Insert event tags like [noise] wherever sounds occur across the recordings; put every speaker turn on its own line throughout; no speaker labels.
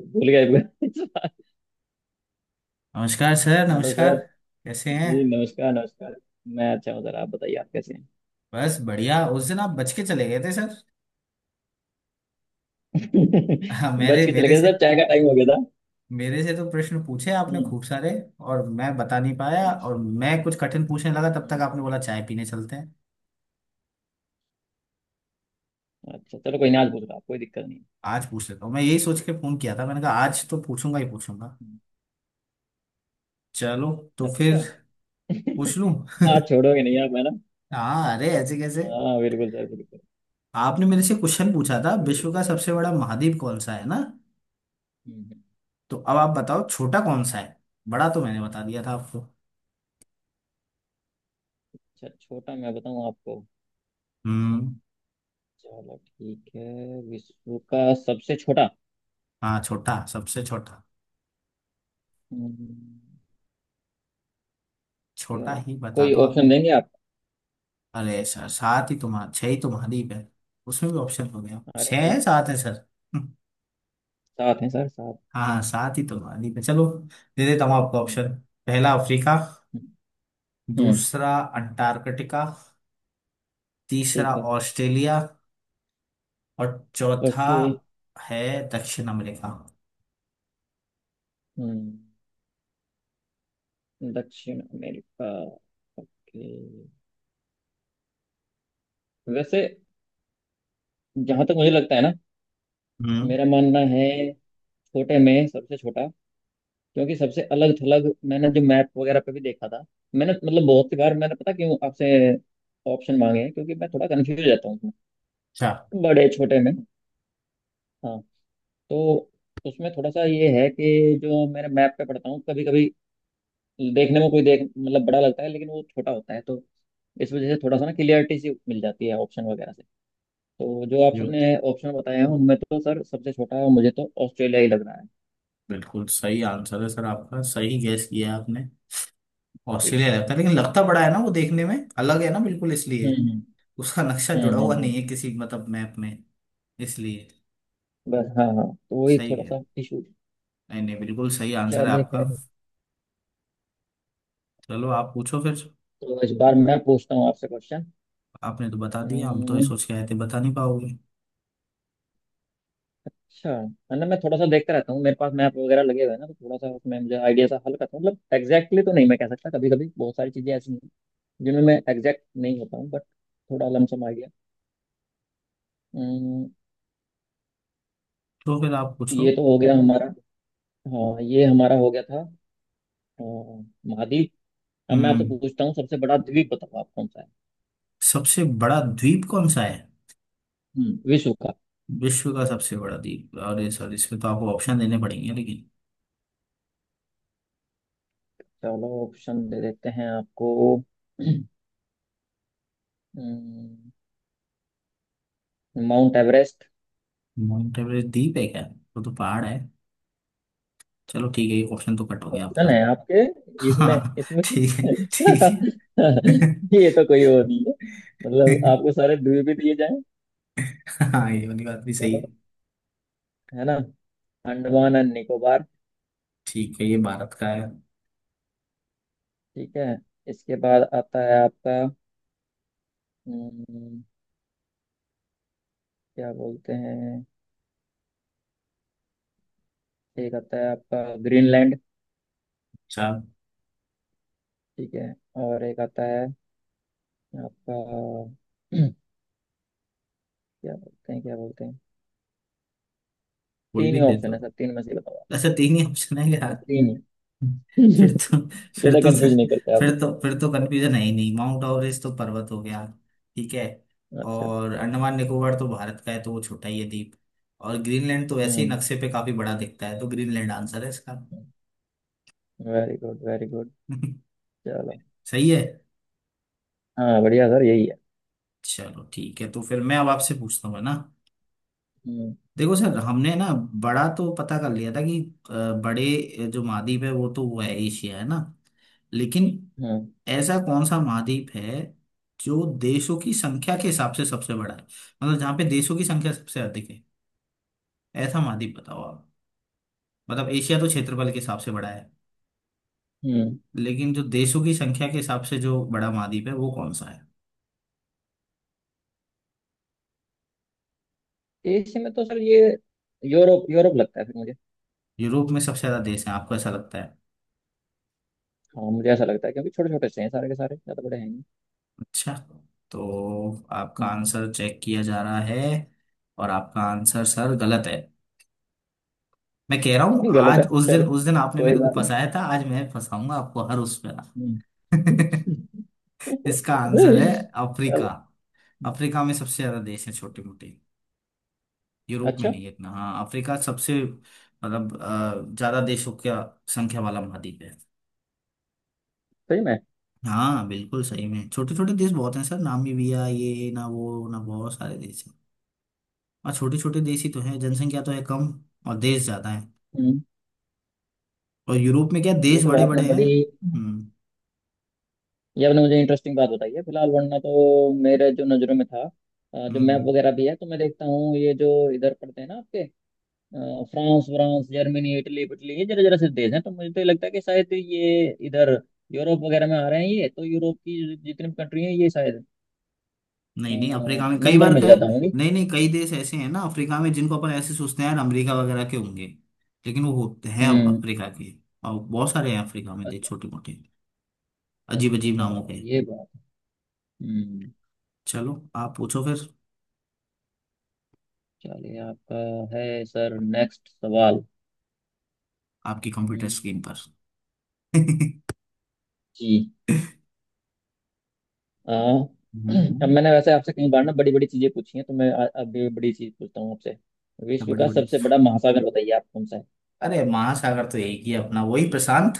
भूल गए भूल गए।
नमस्कार सर,
हेलो
नमस्कार।
सर।
कैसे हैं?
जी, नमस्कार नमस्कार। मैं अच्छा हूँ सर, आप बताइए आप कैसे हैं।
बस बढ़िया। उस दिन आप बच के चले गए थे सर [laughs]
[laughs]
हाँ,
बच
मेरे
के चले गए सर, चाय का टाइम हो गया था।
मेरे से तो प्रश्न पूछे आपने
हम्म
खूब सारे, और मैं बता नहीं पाया,
अच्छा।
और मैं कुछ कठिन पूछने लगा तब तक
हम्म,
आपने बोला चाय पीने चलते हैं।
अच्छा, चलो कोई ना, आज पूछ रहा, कोई दिक्कत नहीं।
आज पूछ लेता हूँ, मैं यही सोच के फोन किया था। मैंने कहा आज तो पूछूंगा ही पूछूंगा।
हम्म,
चलो, तो फिर
अच्छा।
पूछ लूं।
[laughs] हाँ, छोड़ोगे नहीं आप, है ना।
[laughs] हाँ, अरे ऐसे कैसे।
हाँ बिल्कुल सर, बिल्कुल।
आपने मेरे से क्वेश्चन पूछा था,
कोई
विश्व
दिक्कत
का
नहीं।
सबसे बड़ा महाद्वीप कौन सा, है ना।
हम्म, हम्म।
तो अब आप बताओ छोटा कौन सा है। बड़ा तो मैंने बता दिया था आपको।
अच्छा, छोटा मैं बताऊँ आपको।
हम्म।
चलो ठीक है, विश्व का सबसे छोटा।
हाँ, छोटा, सबसे छोटा।
हम्म, क्या,
छोटा ही बता
कोई
दो आप।
ऑप्शन देंगे आप।
अरे सर सात ही तुम्हारा, छह ही तुम्हारी पे। उसमें भी ऑप्शन हो गया,
अरे
छह
सर,
है सात है सर।
सात हैं सर, सात।
हाँ हाँ, सात ही तुम्हारी पे। चलो, दे देता हूँ आपको
हम्म
ऑप्शन। पहला अफ्रीका।
हम्म,
दूसरा अंटार्कटिका। तीसरा
ठीक है।
ऑस्ट्रेलिया। और चौथा
ओके।
है दक्षिण अमेरिका।
हम्म। दक्षिण अमेरिका। ओके। वैसे, जहां तक मुझे लगता है ना,
हम्म।
मेरा मानना है छोटे में सबसे छोटा, क्योंकि सबसे अलग थलग मैंने जो मैप वगैरह पे भी देखा था। मैंने मतलब बहुत सी बार मैंने, पता क्यों आपसे ऑप्शन मांगे हैं, क्योंकि मैं थोड़ा कंफ्यूज रहता हूँ उसमें,
अच्छा।
बड़े छोटे में। हाँ, तो उसमें थोड़ा सा ये है कि जो मैंने मैप पे पढ़ता हूँ कभी कभी, देखने में कोई देख मतलब बड़ा लगता है लेकिन वो छोटा होता है, तो इस वजह से थोड़ा सा ना क्लियरिटी सी मिल जाती है ऑप्शन वगैरह से। तो जो
ये तो
आपने ऑप्शन बताया है उनमें तो सर सबसे छोटा मुझे तो ऑस्ट्रेलिया ही लग रहा है।
बिल्कुल सही आंसर है सर आपका। सही गैस किया है आपने।
जी।
ऑस्ट्रेलिया लगता है, लेकिन लगता बड़ा है ना, वो देखने में अलग है ना बिल्कुल, इसलिए
हम्म हम्म
उसका नक्शा
हम्म
जुड़ा
हम्म,
हुआ नहीं
हम्म।
है किसी मतलब मैप में। इसलिए
बस हाँ हाँ, तो वही
सही
थोड़ा
है।
सा इशू।
नहीं नहीं, बिल्कुल सही आंसर है
चलिए
आपका।
खैर,
चलो आप पूछो फिर।
तो इस बार मैं पूछता हूँ आपसे क्वेश्चन।
आपने तो बता दिया, हम तो ये
हम्म,
सोच के आए थे बता नहीं पाओगे।
अच्छा मतलब मैं थोड़ा सा देखता रहता हूँ, मेरे पास मैप वगैरह लगे हुए हैं ना, तो थोड़ा सा उसमें मुझे आइडिया सा हल्का सा, मतलब एग्जैक्टली तो नहीं मैं कह सकता, कभी कभी बहुत सारी चीजें ऐसी हैं जिनमें मैं एग्जैक्ट नहीं होता हूँ, बट थोड़ा लमसम आइडिया।
तो फिर आप पूछो।
ये तो हो गया हमारा, हाँ, ये हमारा हो गया था, अ, महाद्वीप। अब मैं आपसे
हम्म।
पूछता हूँ, सबसे बड़ा द्वीप बताओ आप कौन सा है।
सबसे बड़ा द्वीप कौन सा है?
हम्म, विश्व का।
विश्व का सबसे बड़ा द्वीप? अरे सर इसमें तो आपको ऑप्शन
हम्म।
देने पड़ेंगे, लेकिन
चलो ऑप्शन दे देते हैं आपको। हम्म, माउंट एवरेस्ट।
माउंट एवरेस्ट द्वीप है क्या? वो तो पहाड़ है। चलो ठीक है, ये ऑप्शन तो कट हो गया
ऑप्शन
आपका।
है आपके। इसमें
हाँ।
इसमें
ठीक है,
क्या,
ठीक है।
[laughs] ये तो कोई और नहीं है, मतलब आपको
[laughs]
सारे द्वीप ही दिए जाएं।
हाँ, ये वाली बात भी सही
चलो,
है।
है ना, अंडमान एंड निकोबार।
ठीक है, ये भारत का है।
ठीक है, इसके बाद आता है आपका, हम्म, क्या बोलते हैं, एक आता है आपका, ग्रीनलैंड।
अच्छा।
ठीक है, और एक आता है आपका, [clears throat] क्या बोलते हैं, क्या बोलते हैं।
कोई
तीन
भी
ही
दे
ऑप्शन
दो।
है सर, तीन में से ही बताओ आप।
ऐसा तीन ही ऑप्शन है यार।
बस तीन ही। [laughs]
फिर
ज्यादा
तो फिर तो
कंफ्यूज
सर,
नहीं करते आप।
फिर तो कंफ्यूजन है ही नहीं। माउंट एवरेस्ट तो पर्वत हो गया। ठीक है।
अच्छा।
और अंडमान निकोबार तो भारत का है, तो वो छोटा ही है द्वीप। और ग्रीनलैंड तो वैसे ही
हम्म,
नक्शे पे काफी बड़ा दिखता है, तो ग्रीनलैंड आंसर है इसका।
Very good very good.
[laughs]
चलो,
सही है।
हाँ, बढ़िया सर, यही है।
चलो ठीक है, तो फिर मैं अब आपसे पूछता हूँ, है ना।
हम्म।
देखो सर, हमने ना बड़ा तो पता कर लिया था कि अ, बड़े जो महाद्वीप है वो है एशिया, है ना। लेकिन
हम्म।
ऐसा कौन सा महाद्वीप है जो देशों की संख्या के हिसाब से सबसे बड़ा है? मतलब जहाँ पे देशों की संख्या सबसे अधिक है, ऐसा महाद्वीप बताओ आप। मतलब एशिया तो क्षेत्रफल के हिसाब से बड़ा है,
हम्म।
लेकिन जो देशों की संख्या के हिसाब से जो बड़ा महाद्वीप है वो कौन सा है?
एशिया में तो सर, ये, यूरोप यूरोप लगता है फिर मुझे।
यूरोप में सबसे ज्यादा देश है, आपको ऐसा लगता है?
हाँ, मुझे ऐसा लगता है क्योंकि छोटे छोटे से हैं सारे के सारे, ज्यादा बड़े हैं नहीं।
अच्छा। तो आपका आंसर चेक किया जा रहा है, और आपका आंसर सर गलत है। मैं कह रहा हूँ,
[laughs] गलत
आज
है,
उस दिन
चलो,
उस दिन आपने
कोई
मेरे को
बात नहीं।
फंसाया था, आज मैं फंसाऊंगा आपको हर उस
हम्म।
पे। [laughs] इसका आंसर है
[laughs]
अफ्रीका।
चलो।
अफ्रीका में सबसे ज्यादा देश है, छोटे मोटे। यूरोप में
अच्छा,
नहीं है इतना। हाँ, अफ्रीका सबसे मतलब ज्यादा देशों का संख्या वाला महाद्वीप है।
सही में।
हाँ बिल्कुल सही में, छोटे छोटे देश बहुत हैं सर, नामीबिया, ये ना वो ना, बहुत सारे देश हैं। और छोटे छोटे देश ही तो हैं, जनसंख्या तो है कम, और देश ज्यादा है।
हम्म।
और यूरोप में क्या,
ये
देश
तो
बड़े बड़े
आपने
हैं।
बड़ी,
हम्म।
ये आपने मुझे इंटरेस्टिंग बात बताई है फिलहाल, वरना तो मेरे जो नज़रों में था,
हम्म।
जो मैप
हम्म।
वगैरह भी है तो मैं देखता हूँ, ये जो इधर पड़ते हैं ना आपके, फ्रांस व्रांस जर्मनी इटली इटली, ये जरा जरा से देश हैं, तो मुझे तो ये लगता है कि शायद ये इधर यूरोप वगैरह में आ रहे हैं, ये तो यूरोप की जितनी भी कंट्री हैं ये शायद
नहीं नहीं, अफ्रीका में कई
नंबर
बार
में
कहे।
ज़्यादा होंगी।
नहीं नहीं, कई देश ऐसे हैं ना अफ्रीका में, जिनको अपन ऐसे सोचते हैं यार अमेरिका वगैरह के होंगे, लेकिन वो होते हैं अब
हम्म।
अफ्रीका के। और बहुत सारे हैं अफ्रीका में देश,
अच्छा।
छोटे मोटे, अजीब अजीब
अच्छा,
नामों के।
ये बात। हम्म।
चलो आप पूछो फिर।
चलिए आपका है सर नेक्स्ट सवाल।
आपकी कंप्यूटर स्क्रीन
हम्म,
पर [laughs]
जी, हाँ।
हम्म।
अब
हम्म।
मैंने वैसे आपसे कई बार ना बड़ी बड़ी चीजें पूछी हैं, तो मैं अब भी बड़ी चीज पूछता हूँ आपसे, विश्व
बड़ी
का
बड़ी।
सबसे बड़ा महासागर बताइए आप कौन सा है।
अरे महासागर तो एक ही है, अपना वही प्रशांत।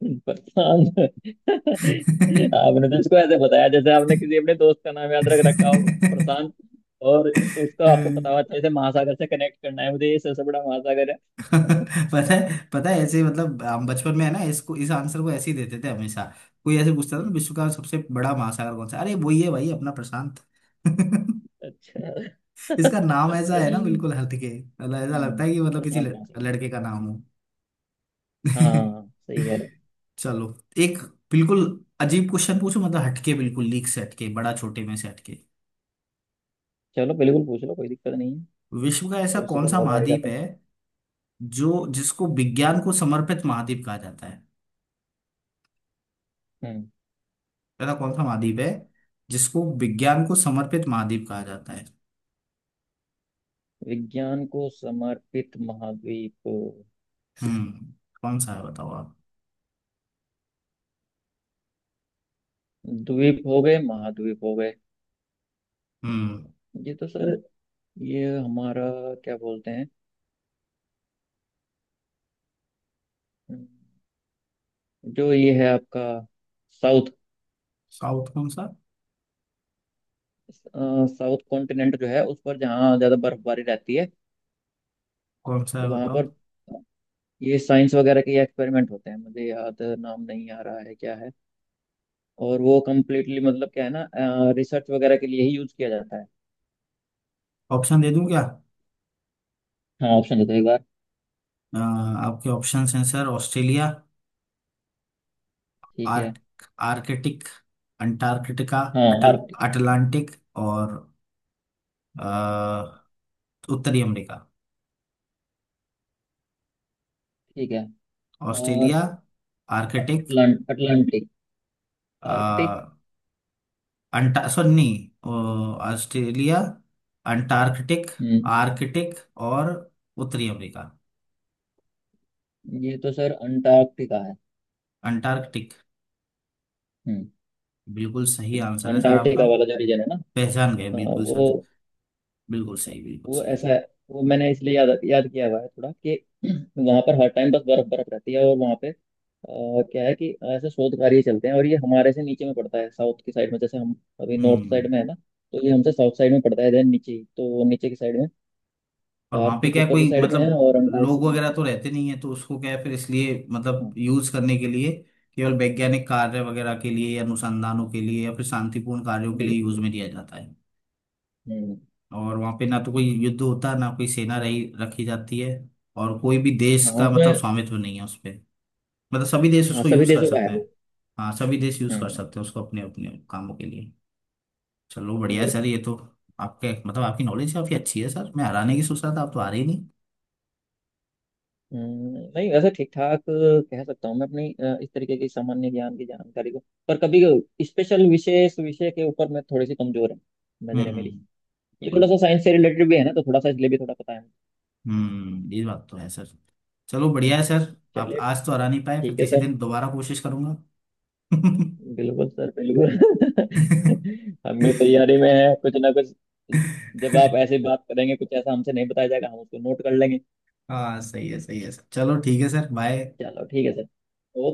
[laughs] प्रशांत। आपने तो इसको ऐसे बताया जैसे आपने किसी अपने दोस्त का नाम याद रख रखा हो, प्रशांत, और उसको आपको पता हुआ
[laughs]
जैसे महासागर से कनेक्ट करना है मुझे, ये सबसे बड़ा महासागर है।
[laughs] पता है ऐसे ही, मतलब हम बचपन में है ना इसको, इस आंसर को ऐसे ही देते थे हमेशा। कोई ऐसे पूछता था ना,
हम्म,
विश्व का सबसे बड़ा महासागर कौन सा, अरे वही है भाई अपना प्रशांत। [laughs]
अच्छा।
इसका
[laughs]
नाम ऐसा है ना
हम्म,
बिल्कुल हटके, मतलब ऐसा लगता है कि मतलब किसी
प्रशांत महासागर।
लड़के का नाम हो।
हाँ हाँ
[laughs]
हाँ, सही है।
चलो, एक बिल्कुल अजीब क्वेश्चन पूछो, मतलब हटके, बिल्कुल लीक से हटके, बड़ा छोटे में से हटके।
चलो बिल्कुल पूछ लो, कोई दिक्कत नहीं है,
विश्व का ऐसा कौन
पॉसिबल
सा
हो पाएगा
महाद्वीप
तो।
है जो जिसको विज्ञान को समर्पित महाद्वीप कहा जाता है?
हम्म।
पता कौन सा महाद्वीप है जिसको विज्ञान को समर्पित महाद्वीप कहा जाता है?
विज्ञान को समर्पित महाद्वीप,
हम्म। कौन सा है बताओ आप।
द्वीप हो गए, महाद्वीप हो गए।
हम्म।
ये तो सर, ये हमारा, क्या बोलते हैं, हम्म, जो ये है आपका, साउथ,
साउथ कौन सा?
साउथ कॉन्टिनेंट जो है उस पर, जहाँ ज्यादा बर्फबारी रहती है
कौन सा है
वहां
बताओ?
पर, ये साइंस वगैरह के एक्सपेरिमेंट होते हैं, मुझे याद नाम नहीं आ रहा है क्या है, और वो कम्प्लीटली मतलब क्या है ना, रिसर्च वगैरह के लिए ही यूज किया जाता है।
ऑप्शन दे दूं क्या?
हाँ, ऑप्शन देते एक बार।
आपके ऑप्शन हैं सर, ऑस्ट्रेलिया,
ठीक है।
आर्क आर्कटिक, अंटार्कटिका,
हाँ,
अटल
आर्कटिक।
अटलांटिक, और अ, उत्तरी अमेरिका।
ठीक है और
ऑस्ट्रेलिया, आर्कटिक,
अटलांटिक, आर्कटिक।
अंटा सॉरी, नहीं, ऑस्ट्रेलिया, अंटार्कटिक,
हम्म।
आर्कटिक, और उत्तरी अमेरिका।
ये तो सर अंटार्कटिका है।
अंटार्कटिक,
हम्म।
बिल्कुल सही आंसर है सर आपका।
अंटार्कटिका वाला जो रीजन है ना,
पहचान गए
हाँ,
बिल्कुल सर।
वो
बिल्कुल सही, बिल्कुल
वो
सही।
ऐसा है, वो मैंने इसलिए याद याद किया हुआ है थोड़ा, कि वहाँ पर हर टाइम बस बर्फ बर्फ रहती है, और वहाँ पे क्या है कि ऐसे शोध कार्य चलते हैं, और ये हमारे से नीचे में पड़ता है साउथ की साइड में, जैसे हम अभी नॉर्थ
हम्म।
साइड में है ना, तो ये हमसे साउथ साइड में पड़ता है, देन नीचे ही। तो वो नीचे की साइड में,
और वहां पे
आर्कटिक
क्या है,
ऊपर की
कोई
साइड में है
मतलब
और
लोग
अंटार्कटिक
वगैरह
नीचे।
तो रहते नहीं है, तो उसको क्या है फिर, इसलिए मतलब
हाँ,
यूज करने के लिए केवल वैज्ञानिक कार्य वगैरह के लिए, या अनुसंधानों के लिए, या फिर शांतिपूर्ण कार्यों के लिए
बिल्कुल
यूज में
बिल्कुल।
लिया जाता है।
हम्म।
और वहां पे ना तो कोई युद्ध होता है, ना कोई सेना रही रखी जाती है। और कोई भी देश
हाँ,
का
उसमें।
मतलब स्वामित्व नहीं है उस पे, मतलब सभी देश
हाँ,
उसको
सभी
यूज कर
देशों का
सकते
है
हैं।
वो।
हाँ, सभी देश यूज कर
हम्म।
सकते हैं उसको अपने अपने कामों के लिए। चलो बढ़िया है सर,
बिल्कुल।
ये तो। आपके मतलब आपकी नॉलेज काफी अच्छी है सर, मैं हराने की सोच रहा था, आप तो हारे ही नहीं।
नहीं, वैसे ठीक ठाक कह सकता हूँ मैं अपनी इस तरीके की सामान्य ज्ञान की जानकारी को, पर कभी स्पेशल विशेष विषय के ऊपर मैं थोड़ी सी कमजोर है, नजर है
हम्म।
मेरी। ये
बिल्कुल।
थोड़ा सा साइंस से रिलेटेड भी है ना, तो थोड़ा सा इसलिए भी थोड़ा पता है मुझे।
हम्म, ये बात तो है सर। चलो बढ़िया है
हम्म,
सर, आप
चलिए
आज तो हरा नहीं पाए, फिर
ठीक है
किसी
सर।
दिन दोबारा कोशिश करूंगा। [laughs]
बिल्कुल सर, बिल्कुल। [laughs] हम भी तैयारी में है कुछ ना कुछ, जब आप ऐसे बात करेंगे, कुछ ऐसा हमसे नहीं बताया जाएगा, हम उसको नोट कर लेंगे।
हाँ सही है, सही है सर। चलो ठीक है सर, बाय।
चलो ठीक है सर, ओके।